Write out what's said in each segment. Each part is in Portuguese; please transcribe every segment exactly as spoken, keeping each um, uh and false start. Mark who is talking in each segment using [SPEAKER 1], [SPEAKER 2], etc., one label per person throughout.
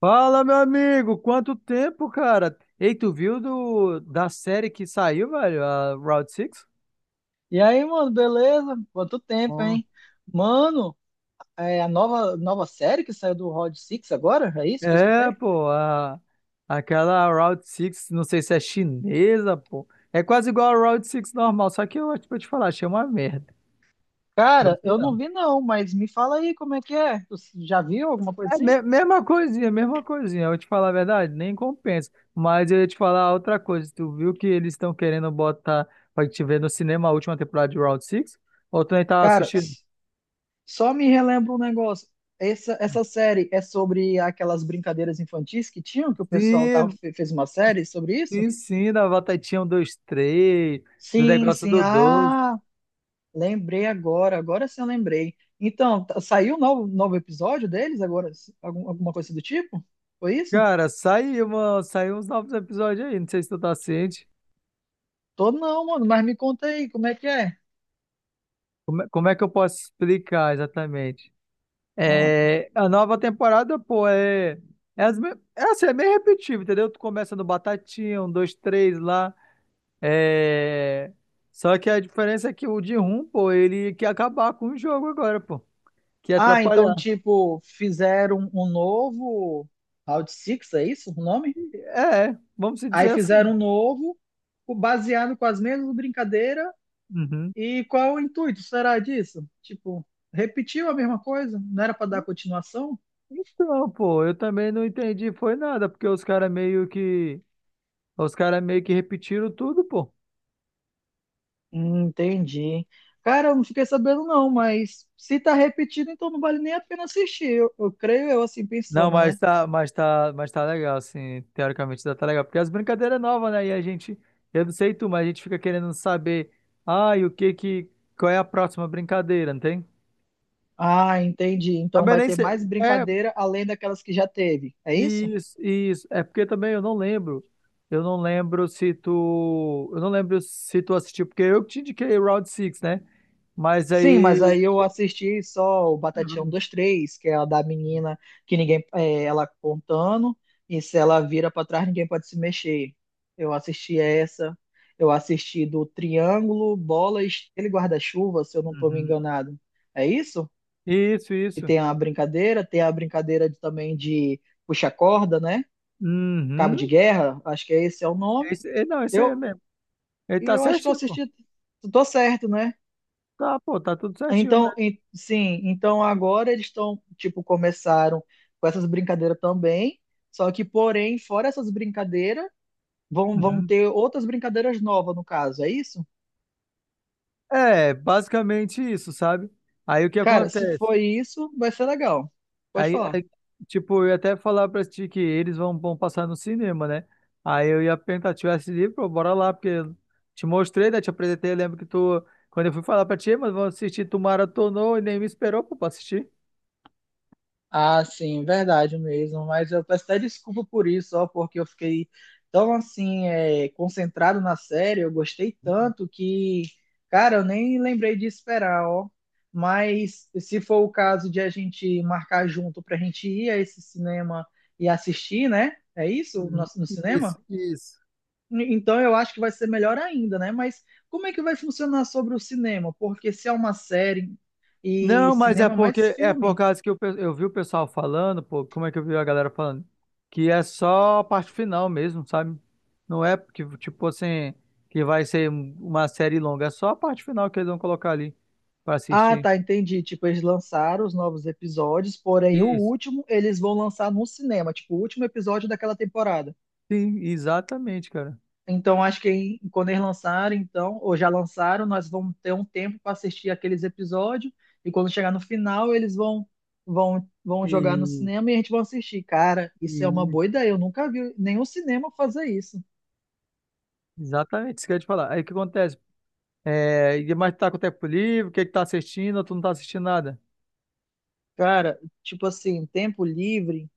[SPEAKER 1] Fala, meu amigo! Quanto tempo, cara? Ei, tu viu do, da série que saiu, velho? A Route seis?
[SPEAKER 2] E aí, mano, beleza? Quanto tempo,
[SPEAKER 1] Ó.
[SPEAKER 2] hein? Mano, é a nova, nova série que saiu do Rod Six agora? É isso que eu
[SPEAKER 1] É,
[SPEAKER 2] escutei?
[SPEAKER 1] pô, a, aquela Route seis, não sei se é chinesa, pô. É quase igual a Route seis normal, só que eu, tipo, eu te falar, achei uma merda.
[SPEAKER 2] Cara,
[SPEAKER 1] Gostei
[SPEAKER 2] eu
[SPEAKER 1] não.
[SPEAKER 2] não vi não, mas me fala aí como é que é. Tu já viu alguma coisa
[SPEAKER 1] É,
[SPEAKER 2] assim?
[SPEAKER 1] me- mesma coisinha, mesma coisinha. Eu vou te falar a verdade, nem compensa. Mas eu ia te falar outra coisa. Tu viu que eles estão querendo botar pra te ver no cinema a última temporada de Round Six? Ou tu nem tava
[SPEAKER 2] Cara,
[SPEAKER 1] assistindo?
[SPEAKER 2] s- só me relembra um negócio. Essa, essa série é sobre aquelas brincadeiras infantis que tinham, que o pessoal tava,
[SPEAKER 1] Sim.
[SPEAKER 2] fe- fez uma série sobre isso?
[SPEAKER 1] Sim, sim, da batatinha um dois três, do
[SPEAKER 2] Sim,
[SPEAKER 1] negócio
[SPEAKER 2] sim.
[SPEAKER 1] do doze.
[SPEAKER 2] Ah, lembrei agora, agora sim eu lembrei. Então, tá- saiu um novo, novo episódio deles agora? s- Algum- alguma coisa do tipo? Foi isso?
[SPEAKER 1] Cara, saiu, uma, saiu uns novos episódios aí, não sei se tu tá ciente.
[SPEAKER 2] Tô não, mano, mas me conta aí, como é que é?
[SPEAKER 1] Como, é- como é que eu posso explicar exatamente?
[SPEAKER 2] Ah,
[SPEAKER 1] É, a nova temporada, pô, é, é, as, me- é assim, é meio repetitivo, entendeu? Tu começa no batatinha, um dois três lá. É, só que a diferença é que o de rum, pô, ele quer acabar com o jogo agora, pô. Quer
[SPEAKER 2] ah, então,
[SPEAKER 1] atrapalhar.
[SPEAKER 2] tipo, fizeram um novo Round Six, é isso o nome?
[SPEAKER 1] É, vamos se
[SPEAKER 2] Aí
[SPEAKER 1] dizer assim.
[SPEAKER 2] fizeram um novo, co- baseado com as mesmas brincadeiras,
[SPEAKER 1] Uhum.
[SPEAKER 2] e qual é o intuito, será disso? Tipo, repetiu a mesma coisa? Não era pra dar continuação?
[SPEAKER 1] Então, pô, eu também não entendi, foi nada, porque os caras meio que, os caras meio que repetiram tudo, pô.
[SPEAKER 2] Hum, Entendi. Cara, eu não fiquei sabendo não, mas se tá repetido, então não vale nem a pena assistir. Eu, eu creio eu assim
[SPEAKER 1] Não,
[SPEAKER 2] pensando,
[SPEAKER 1] mas
[SPEAKER 2] né?
[SPEAKER 1] tá, mas tá, mas tá legal, assim, teoricamente já tá legal, porque as brincadeiras novas, né? E a gente, eu não sei tu, mas a gente fica querendo saber, ah, e o que que, qual é a próxima brincadeira, não tem?
[SPEAKER 2] Ah, entendi. Então
[SPEAKER 1] Também
[SPEAKER 2] vai
[SPEAKER 1] nem
[SPEAKER 2] ter
[SPEAKER 1] sei,
[SPEAKER 2] mais
[SPEAKER 1] é,
[SPEAKER 2] brincadeira além daquelas que já teve. É isso?
[SPEAKER 1] isso, isso, é porque também eu não lembro, eu não lembro se tu, eu não lembro se tu assistiu, porque eu que te indiquei o Round six, né? Mas
[SPEAKER 2] Sim, mas
[SPEAKER 1] aí...
[SPEAKER 2] aí eu assisti só o Batatinha um,
[SPEAKER 1] Uhum.
[SPEAKER 2] dois, três, que é a da menina que ninguém, é, ela contando, e se ela vira pra trás, ninguém pode se mexer. Eu assisti essa. Eu assisti do Triângulo, Bola, Estrela e Guarda-Chuva, se eu não tô me
[SPEAKER 1] Uhum.
[SPEAKER 2] enganado. É isso?
[SPEAKER 1] Isso,
[SPEAKER 2] E
[SPEAKER 1] isso.
[SPEAKER 2] tem a brincadeira, tem a brincadeira de- também de puxa corda, né? Cabo de
[SPEAKER 1] Uhum.
[SPEAKER 2] guerra, acho que é esse é o nome.
[SPEAKER 1] Esse, é, não, esse aí é
[SPEAKER 2] Eu
[SPEAKER 1] mesmo. Ele
[SPEAKER 2] e
[SPEAKER 1] tá
[SPEAKER 2] eu acho que eu
[SPEAKER 1] certinho, pô.
[SPEAKER 2] assisti, tô certo, né?
[SPEAKER 1] Tá, pô, tá tudo certinho
[SPEAKER 2] Então,
[SPEAKER 1] mesmo.
[SPEAKER 2] em- sim, então agora eles estão, tipo, começaram com essas brincadeiras também, só que porém, fora essas brincadeiras, vão vão
[SPEAKER 1] Uhum.
[SPEAKER 2] ter outras brincadeiras novas no caso, é isso?
[SPEAKER 1] É, basicamente isso, sabe? Aí o que
[SPEAKER 2] Cara, se
[SPEAKER 1] acontece?
[SPEAKER 2] for isso, vai ser legal. Pode
[SPEAKER 1] Aí,
[SPEAKER 2] falar.
[SPEAKER 1] aí, tipo, eu ia até falar pra ti que eles vão, vão passar no cinema, né? Aí eu ia perguntar, tivesse livro, pô, bora lá, porque eu te mostrei, né? Te apresentei, eu lembro que tu, quando eu fui falar pra ti, mas vamos assistir, tu maratonou e nem me esperou, pô, pra assistir.
[SPEAKER 2] Ah, sim, verdade mesmo. Mas eu peço até desculpa por isso, ó, porque eu fiquei tão assim, é, concentrado na série, eu gostei tanto que, cara, eu nem lembrei de esperar, ó. Mas se for o caso de a gente marcar junto pra gente ir a esse cinema e assistir, né? É isso? No,
[SPEAKER 1] Uhum.
[SPEAKER 2] no
[SPEAKER 1] Isso,
[SPEAKER 2] cinema?
[SPEAKER 1] isso.
[SPEAKER 2] Então eu acho que vai ser melhor ainda, né? Mas como é que vai funcionar sobre o cinema? Porque se é uma série e
[SPEAKER 1] Não, mas é
[SPEAKER 2] cinema é mais
[SPEAKER 1] porque é por
[SPEAKER 2] filme.
[SPEAKER 1] causa que eu, pe- eu vi o pessoal falando, pô, como é que eu vi a galera falando? Que é só a parte final mesmo, sabe? Não é porque, tipo assim, que vai ser um- uma série longa, é só a parte final que eles vão colocar ali pra
[SPEAKER 2] Ah,
[SPEAKER 1] assistir.
[SPEAKER 2] tá, entendi. Tipo, eles lançaram os novos episódios, porém o
[SPEAKER 1] Isso.
[SPEAKER 2] último eles vão lançar no cinema, tipo, o último episódio daquela temporada.
[SPEAKER 1] Sim, exatamente, cara.
[SPEAKER 2] Então, acho que em- quando eles lançarem, então, ou já lançaram, nós vamos ter um tempo para assistir aqueles episódios e quando chegar no final, eles vão vão vão jogar no
[SPEAKER 1] E,
[SPEAKER 2] cinema e a gente vai assistir. Cara, isso é uma
[SPEAKER 1] e-
[SPEAKER 2] boa ideia. Eu nunca vi nenhum cinema fazer isso.
[SPEAKER 1] exatamente, isso que eu ia te falar. Aí o que acontece? É, e- mas tu tá com tempo livre, o que que tá assistindo, ou tu não tá assistindo nada?
[SPEAKER 2] Cara, tipo assim, tempo livre,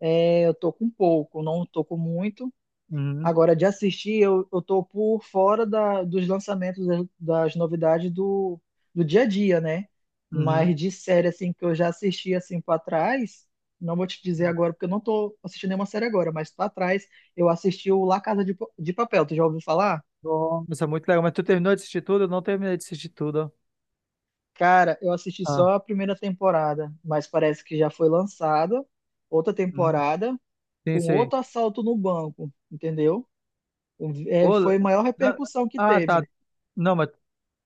[SPEAKER 2] é, eu tô com pouco, não tô com muito.
[SPEAKER 1] Uhum,
[SPEAKER 2] Agora, de assistir, eu, eu tô por fora da, dos lançamentos, das, das novidades do, do dia a dia, né?
[SPEAKER 1] uhum.
[SPEAKER 2] Mas de série, assim, que eu já assisti, assim, pra trás, não vou te dizer agora, porque eu não tô assistindo nenhuma série agora, mas pra trás, eu assisti o La Casa de, Pa- de Papel, tu já ouviu falar?
[SPEAKER 1] Nossa, muito legal. Mas tu terminou de assistir tudo? Eu não terminei de assistir tudo.
[SPEAKER 2] Cara, eu assisti
[SPEAKER 1] Ah,
[SPEAKER 2] só a primeira temporada, mas parece que já foi lançada outra
[SPEAKER 1] uhum.
[SPEAKER 2] temporada
[SPEAKER 1] Sim,
[SPEAKER 2] com
[SPEAKER 1] sim.
[SPEAKER 2] outro assalto no banco, entendeu? O- É,
[SPEAKER 1] Pô,
[SPEAKER 2] foi a maior
[SPEAKER 1] na-
[SPEAKER 2] repercussão que
[SPEAKER 1] ah, tá.
[SPEAKER 2] teve.
[SPEAKER 1] Não, mas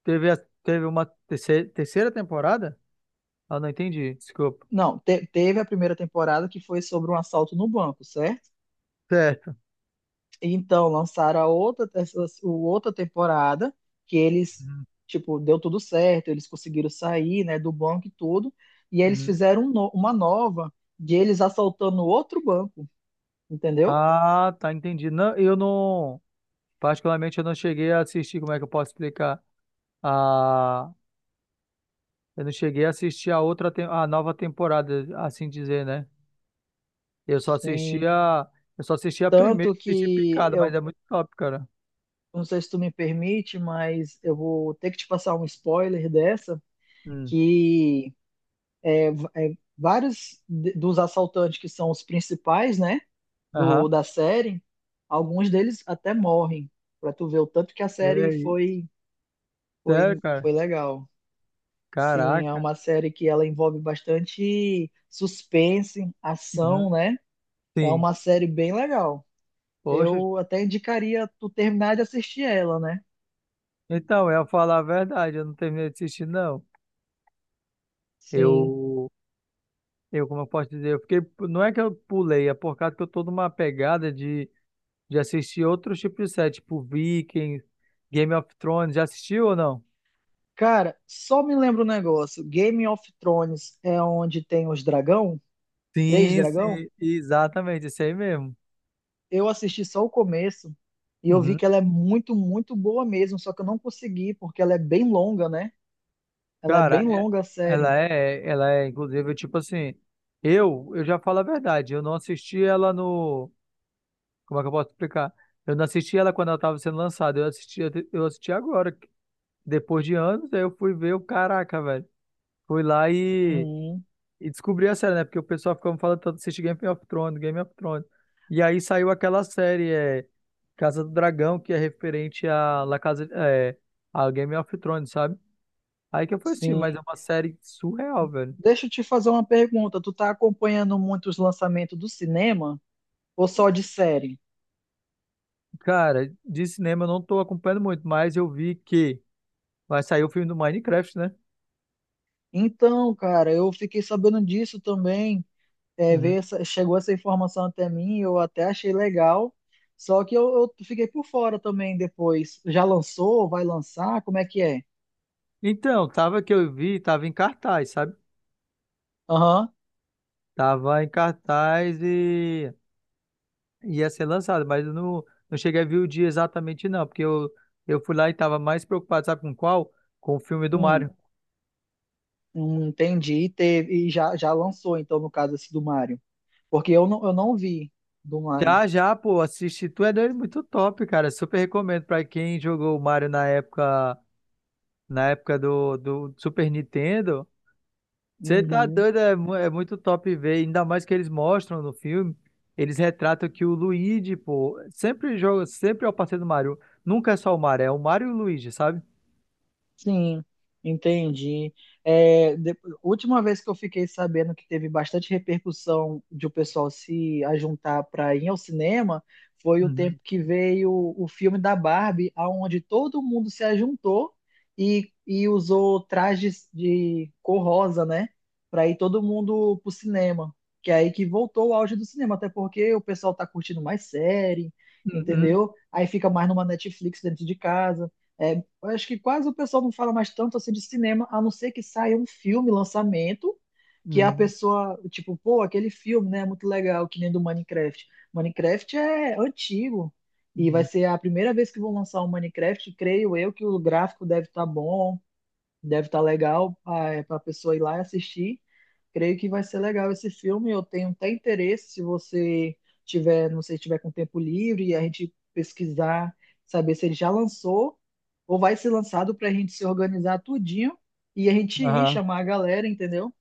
[SPEAKER 1] teve, a- teve uma terceira, terceira temporada? Ah, não entendi. Desculpa.
[SPEAKER 2] Não, te- teve a primeira temporada que foi sobre um assalto no banco, certo?
[SPEAKER 1] Certo.
[SPEAKER 2] E então lançaram a outra, essa, o- outra temporada que eles,
[SPEAKER 1] Uhum,
[SPEAKER 2] tipo, deu tudo certo, eles conseguiram sair, né, do banco e tudo, e aí eles
[SPEAKER 1] uhum.
[SPEAKER 2] fizeram um no- uma nova de eles assaltando outro banco, entendeu?
[SPEAKER 1] Ah, tá, entendi. Não, eu não, particularmente, eu não cheguei a assistir, como é que eu posso explicar? A, eu não cheguei a assistir a outra, tem- a nova temporada, assim dizer, né? Eu só assisti
[SPEAKER 2] Sim.
[SPEAKER 1] a, eu só assisti a primeira,
[SPEAKER 2] Tanto
[SPEAKER 1] assisti
[SPEAKER 2] que
[SPEAKER 1] picada, mas
[SPEAKER 2] eu
[SPEAKER 1] é muito top, cara.
[SPEAKER 2] não sei se tu me permite, mas eu vou ter que te passar um spoiler dessa
[SPEAKER 1] Hum.
[SPEAKER 2] que é, é vários de- dos assaltantes que são os principais, né?
[SPEAKER 1] Aham.
[SPEAKER 2] do, da série, alguns deles até morrem, pra tu ver o tanto que a
[SPEAKER 1] E
[SPEAKER 2] série
[SPEAKER 1] aí?
[SPEAKER 2] foi,
[SPEAKER 1] Sério,
[SPEAKER 2] foi,
[SPEAKER 1] cara?
[SPEAKER 2] foi legal. Sim, é
[SPEAKER 1] Caraca.
[SPEAKER 2] uma série que ela envolve bastante suspense, ação,
[SPEAKER 1] Uhum.
[SPEAKER 2] né? É
[SPEAKER 1] Sim.
[SPEAKER 2] uma série bem legal.
[SPEAKER 1] Poxa.
[SPEAKER 2] Eu até indicaria tu terminar de assistir ela, né?
[SPEAKER 1] Então, eu ia falar a verdade, eu não terminei de assistir, não.
[SPEAKER 2] Sim.
[SPEAKER 1] Eu, eu, como eu posso dizer, eu fiquei. Não é que eu pulei, é por causa que eu tô numa pegada de, de assistir outros tipos de série, tipo Vikings, Game of Thrones. Já assistiu ou não?
[SPEAKER 2] Cara, só me lembra um negócio. Game of Thrones é onde tem os dragão? Três
[SPEAKER 1] Sim,
[SPEAKER 2] dragão?
[SPEAKER 1] sim, exatamente, isso aí mesmo.
[SPEAKER 2] Eu assisti só o começo e eu vi
[SPEAKER 1] Uhum.
[SPEAKER 2] que ela é muito, muito boa mesmo, só que eu não consegui, porque ela é bem longa, né? Ela é
[SPEAKER 1] Cara,
[SPEAKER 2] bem
[SPEAKER 1] é-
[SPEAKER 2] longa a
[SPEAKER 1] ela
[SPEAKER 2] série.
[SPEAKER 1] é, ela é, inclusive, tipo assim, eu, eu já falo a verdade, eu não assisti ela no. Como é que eu posso explicar? Eu não assisti ela quando ela estava sendo lançada, eu assisti, eu assisti agora, depois de anos, aí eu fui ver o caraca, velho. Fui lá e,
[SPEAKER 2] Uhum,
[SPEAKER 1] e descobri a série, né? Porque o pessoal ficava falando tanto, assiste Game of Thrones, Game of Thrones. E aí saiu aquela série, é, Casa do Dragão, que é referente a La Casa, é, a Game of Thrones, sabe? Aí que eu fui assistir,
[SPEAKER 2] sim.
[SPEAKER 1] mas é uma série surreal, velho.
[SPEAKER 2] Deixa eu te fazer uma pergunta. Tu tá acompanhando muito os lançamentos do cinema ou só de série?
[SPEAKER 1] Cara, de cinema eu não tô acompanhando muito, mas eu vi que vai sair o filme do Minecraft, né?
[SPEAKER 2] Então, cara, eu fiquei sabendo disso também. É, veio essa- chegou essa informação até mim, eu até achei legal. Só que eu, eu fiquei por fora também depois. Já lançou? Vai lançar? Como é que é?
[SPEAKER 1] Então, tava que eu vi, tava em cartaz, sabe?
[SPEAKER 2] Aham.
[SPEAKER 1] Tava em cartaz e e ia ser lançado, mas eu não, não cheguei a ver o dia exatamente não, porque eu, eu fui lá e tava mais preocupado, sabe com qual? Com o filme do
[SPEAKER 2] Hum.
[SPEAKER 1] Mario.
[SPEAKER 2] Hum, entendi, e teve, e já, já lançou, então, no caso, esse do Mario. Porque eu não, eu não vi do Mario.
[SPEAKER 1] Já, já, pô, assisti, tu é doido, muito top, cara, super recomendo pra quem jogou o Mario na época, na época do, do Super Nintendo. Você tá
[SPEAKER 2] Uhum.
[SPEAKER 1] doido, é, mu- é muito top ver, ainda mais que eles mostram no filme, eles retratam que o Luigi, pô, sempre joga, sempre é o parceiro do Mario, nunca é só o Mario, é o Mario e o Luigi, sabe?
[SPEAKER 2] Sim, entendi. É, de- última vez que eu fiquei sabendo que teve bastante repercussão de o pessoal se ajuntar para ir ao cinema foi o tempo
[SPEAKER 1] Uhum.
[SPEAKER 2] que veio o filme da Barbie, aonde todo mundo se ajuntou e, e usou trajes de cor rosa, né? Para ir todo mundo pro cinema. Que é aí que voltou o auge do cinema, até porque o pessoal tá curtindo mais série,
[SPEAKER 1] Uhum.
[SPEAKER 2] entendeu? Aí fica mais numa Netflix dentro de casa. É, eu acho que quase o pessoal não fala mais tanto assim de cinema, a não ser que saia um filme, lançamento, que a
[SPEAKER 1] Uhum.
[SPEAKER 2] pessoa, tipo, pô, aquele filme, né, é muito legal, que nem do Minecraft. Minecraft é antigo e vai
[SPEAKER 1] Uhum.
[SPEAKER 2] ser a primeira vez que vão lançar o Minecraft, creio eu que o gráfico deve estar bom. Deve estar legal para a pessoa ir lá e assistir. Creio que vai ser legal esse filme. Eu tenho até interesse se você tiver, não sei, tiver com tempo livre e a gente pesquisar, saber se ele já lançou ou vai ser lançado para a gente se organizar tudinho e a gente ir
[SPEAKER 1] Aham.
[SPEAKER 2] chamar a galera, entendeu?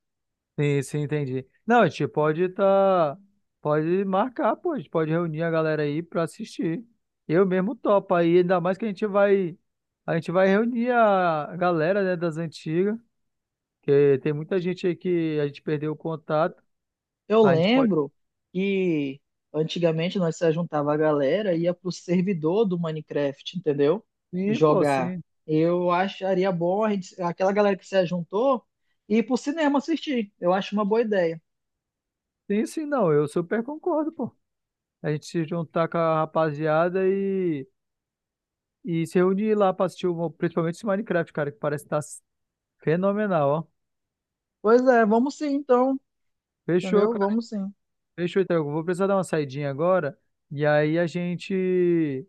[SPEAKER 1] Sim, sim, entendi. Não, a gente pode tá, pode marcar, pô, a gente pode reunir a galera aí pra assistir. Eu mesmo topo aí, ainda mais que a gente vai, a gente vai reunir a galera, né, das antigas, que tem muita gente aí que a gente perdeu o contato.
[SPEAKER 2] Eu
[SPEAKER 1] A gente pode.
[SPEAKER 2] lembro que antigamente nós se juntava a galera e ia pro servidor do Minecraft, entendeu?
[SPEAKER 1] Sim, pô,
[SPEAKER 2] Jogar.
[SPEAKER 1] sim.
[SPEAKER 2] Eu acharia bom a gente, aquela galera que se juntou ir pro cinema assistir. Eu acho uma boa ideia.
[SPEAKER 1] Sim, sim, não. Eu super concordo, pô. A gente se juntar com a rapaziada e, e se reunir lá pra assistir, o, principalmente esse Minecraft, cara, que parece que tá fenomenal, ó.
[SPEAKER 2] Pois é, vamos sim então,
[SPEAKER 1] Fechou,
[SPEAKER 2] entendeu?
[SPEAKER 1] cara.
[SPEAKER 2] Vamos sim.
[SPEAKER 1] Fechou, então. Eu vou precisar dar uma saidinha agora. E aí a gente.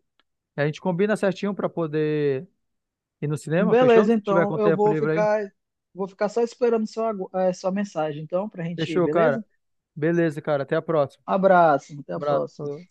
[SPEAKER 1] A gente combina certinho pra poder ir no cinema, fechou?
[SPEAKER 2] Beleza,
[SPEAKER 1] Se tiver
[SPEAKER 2] então
[SPEAKER 1] com
[SPEAKER 2] eu
[SPEAKER 1] tempo
[SPEAKER 2] vou
[SPEAKER 1] livre aí.
[SPEAKER 2] ficar vou ficar só esperando sua, agu- eh, sua mensagem então pra gente ir,
[SPEAKER 1] Fechou, cara.
[SPEAKER 2] beleza?
[SPEAKER 1] Beleza, cara. Até a próxima.
[SPEAKER 2] Abraço, até a próxima.
[SPEAKER 1] Abraço.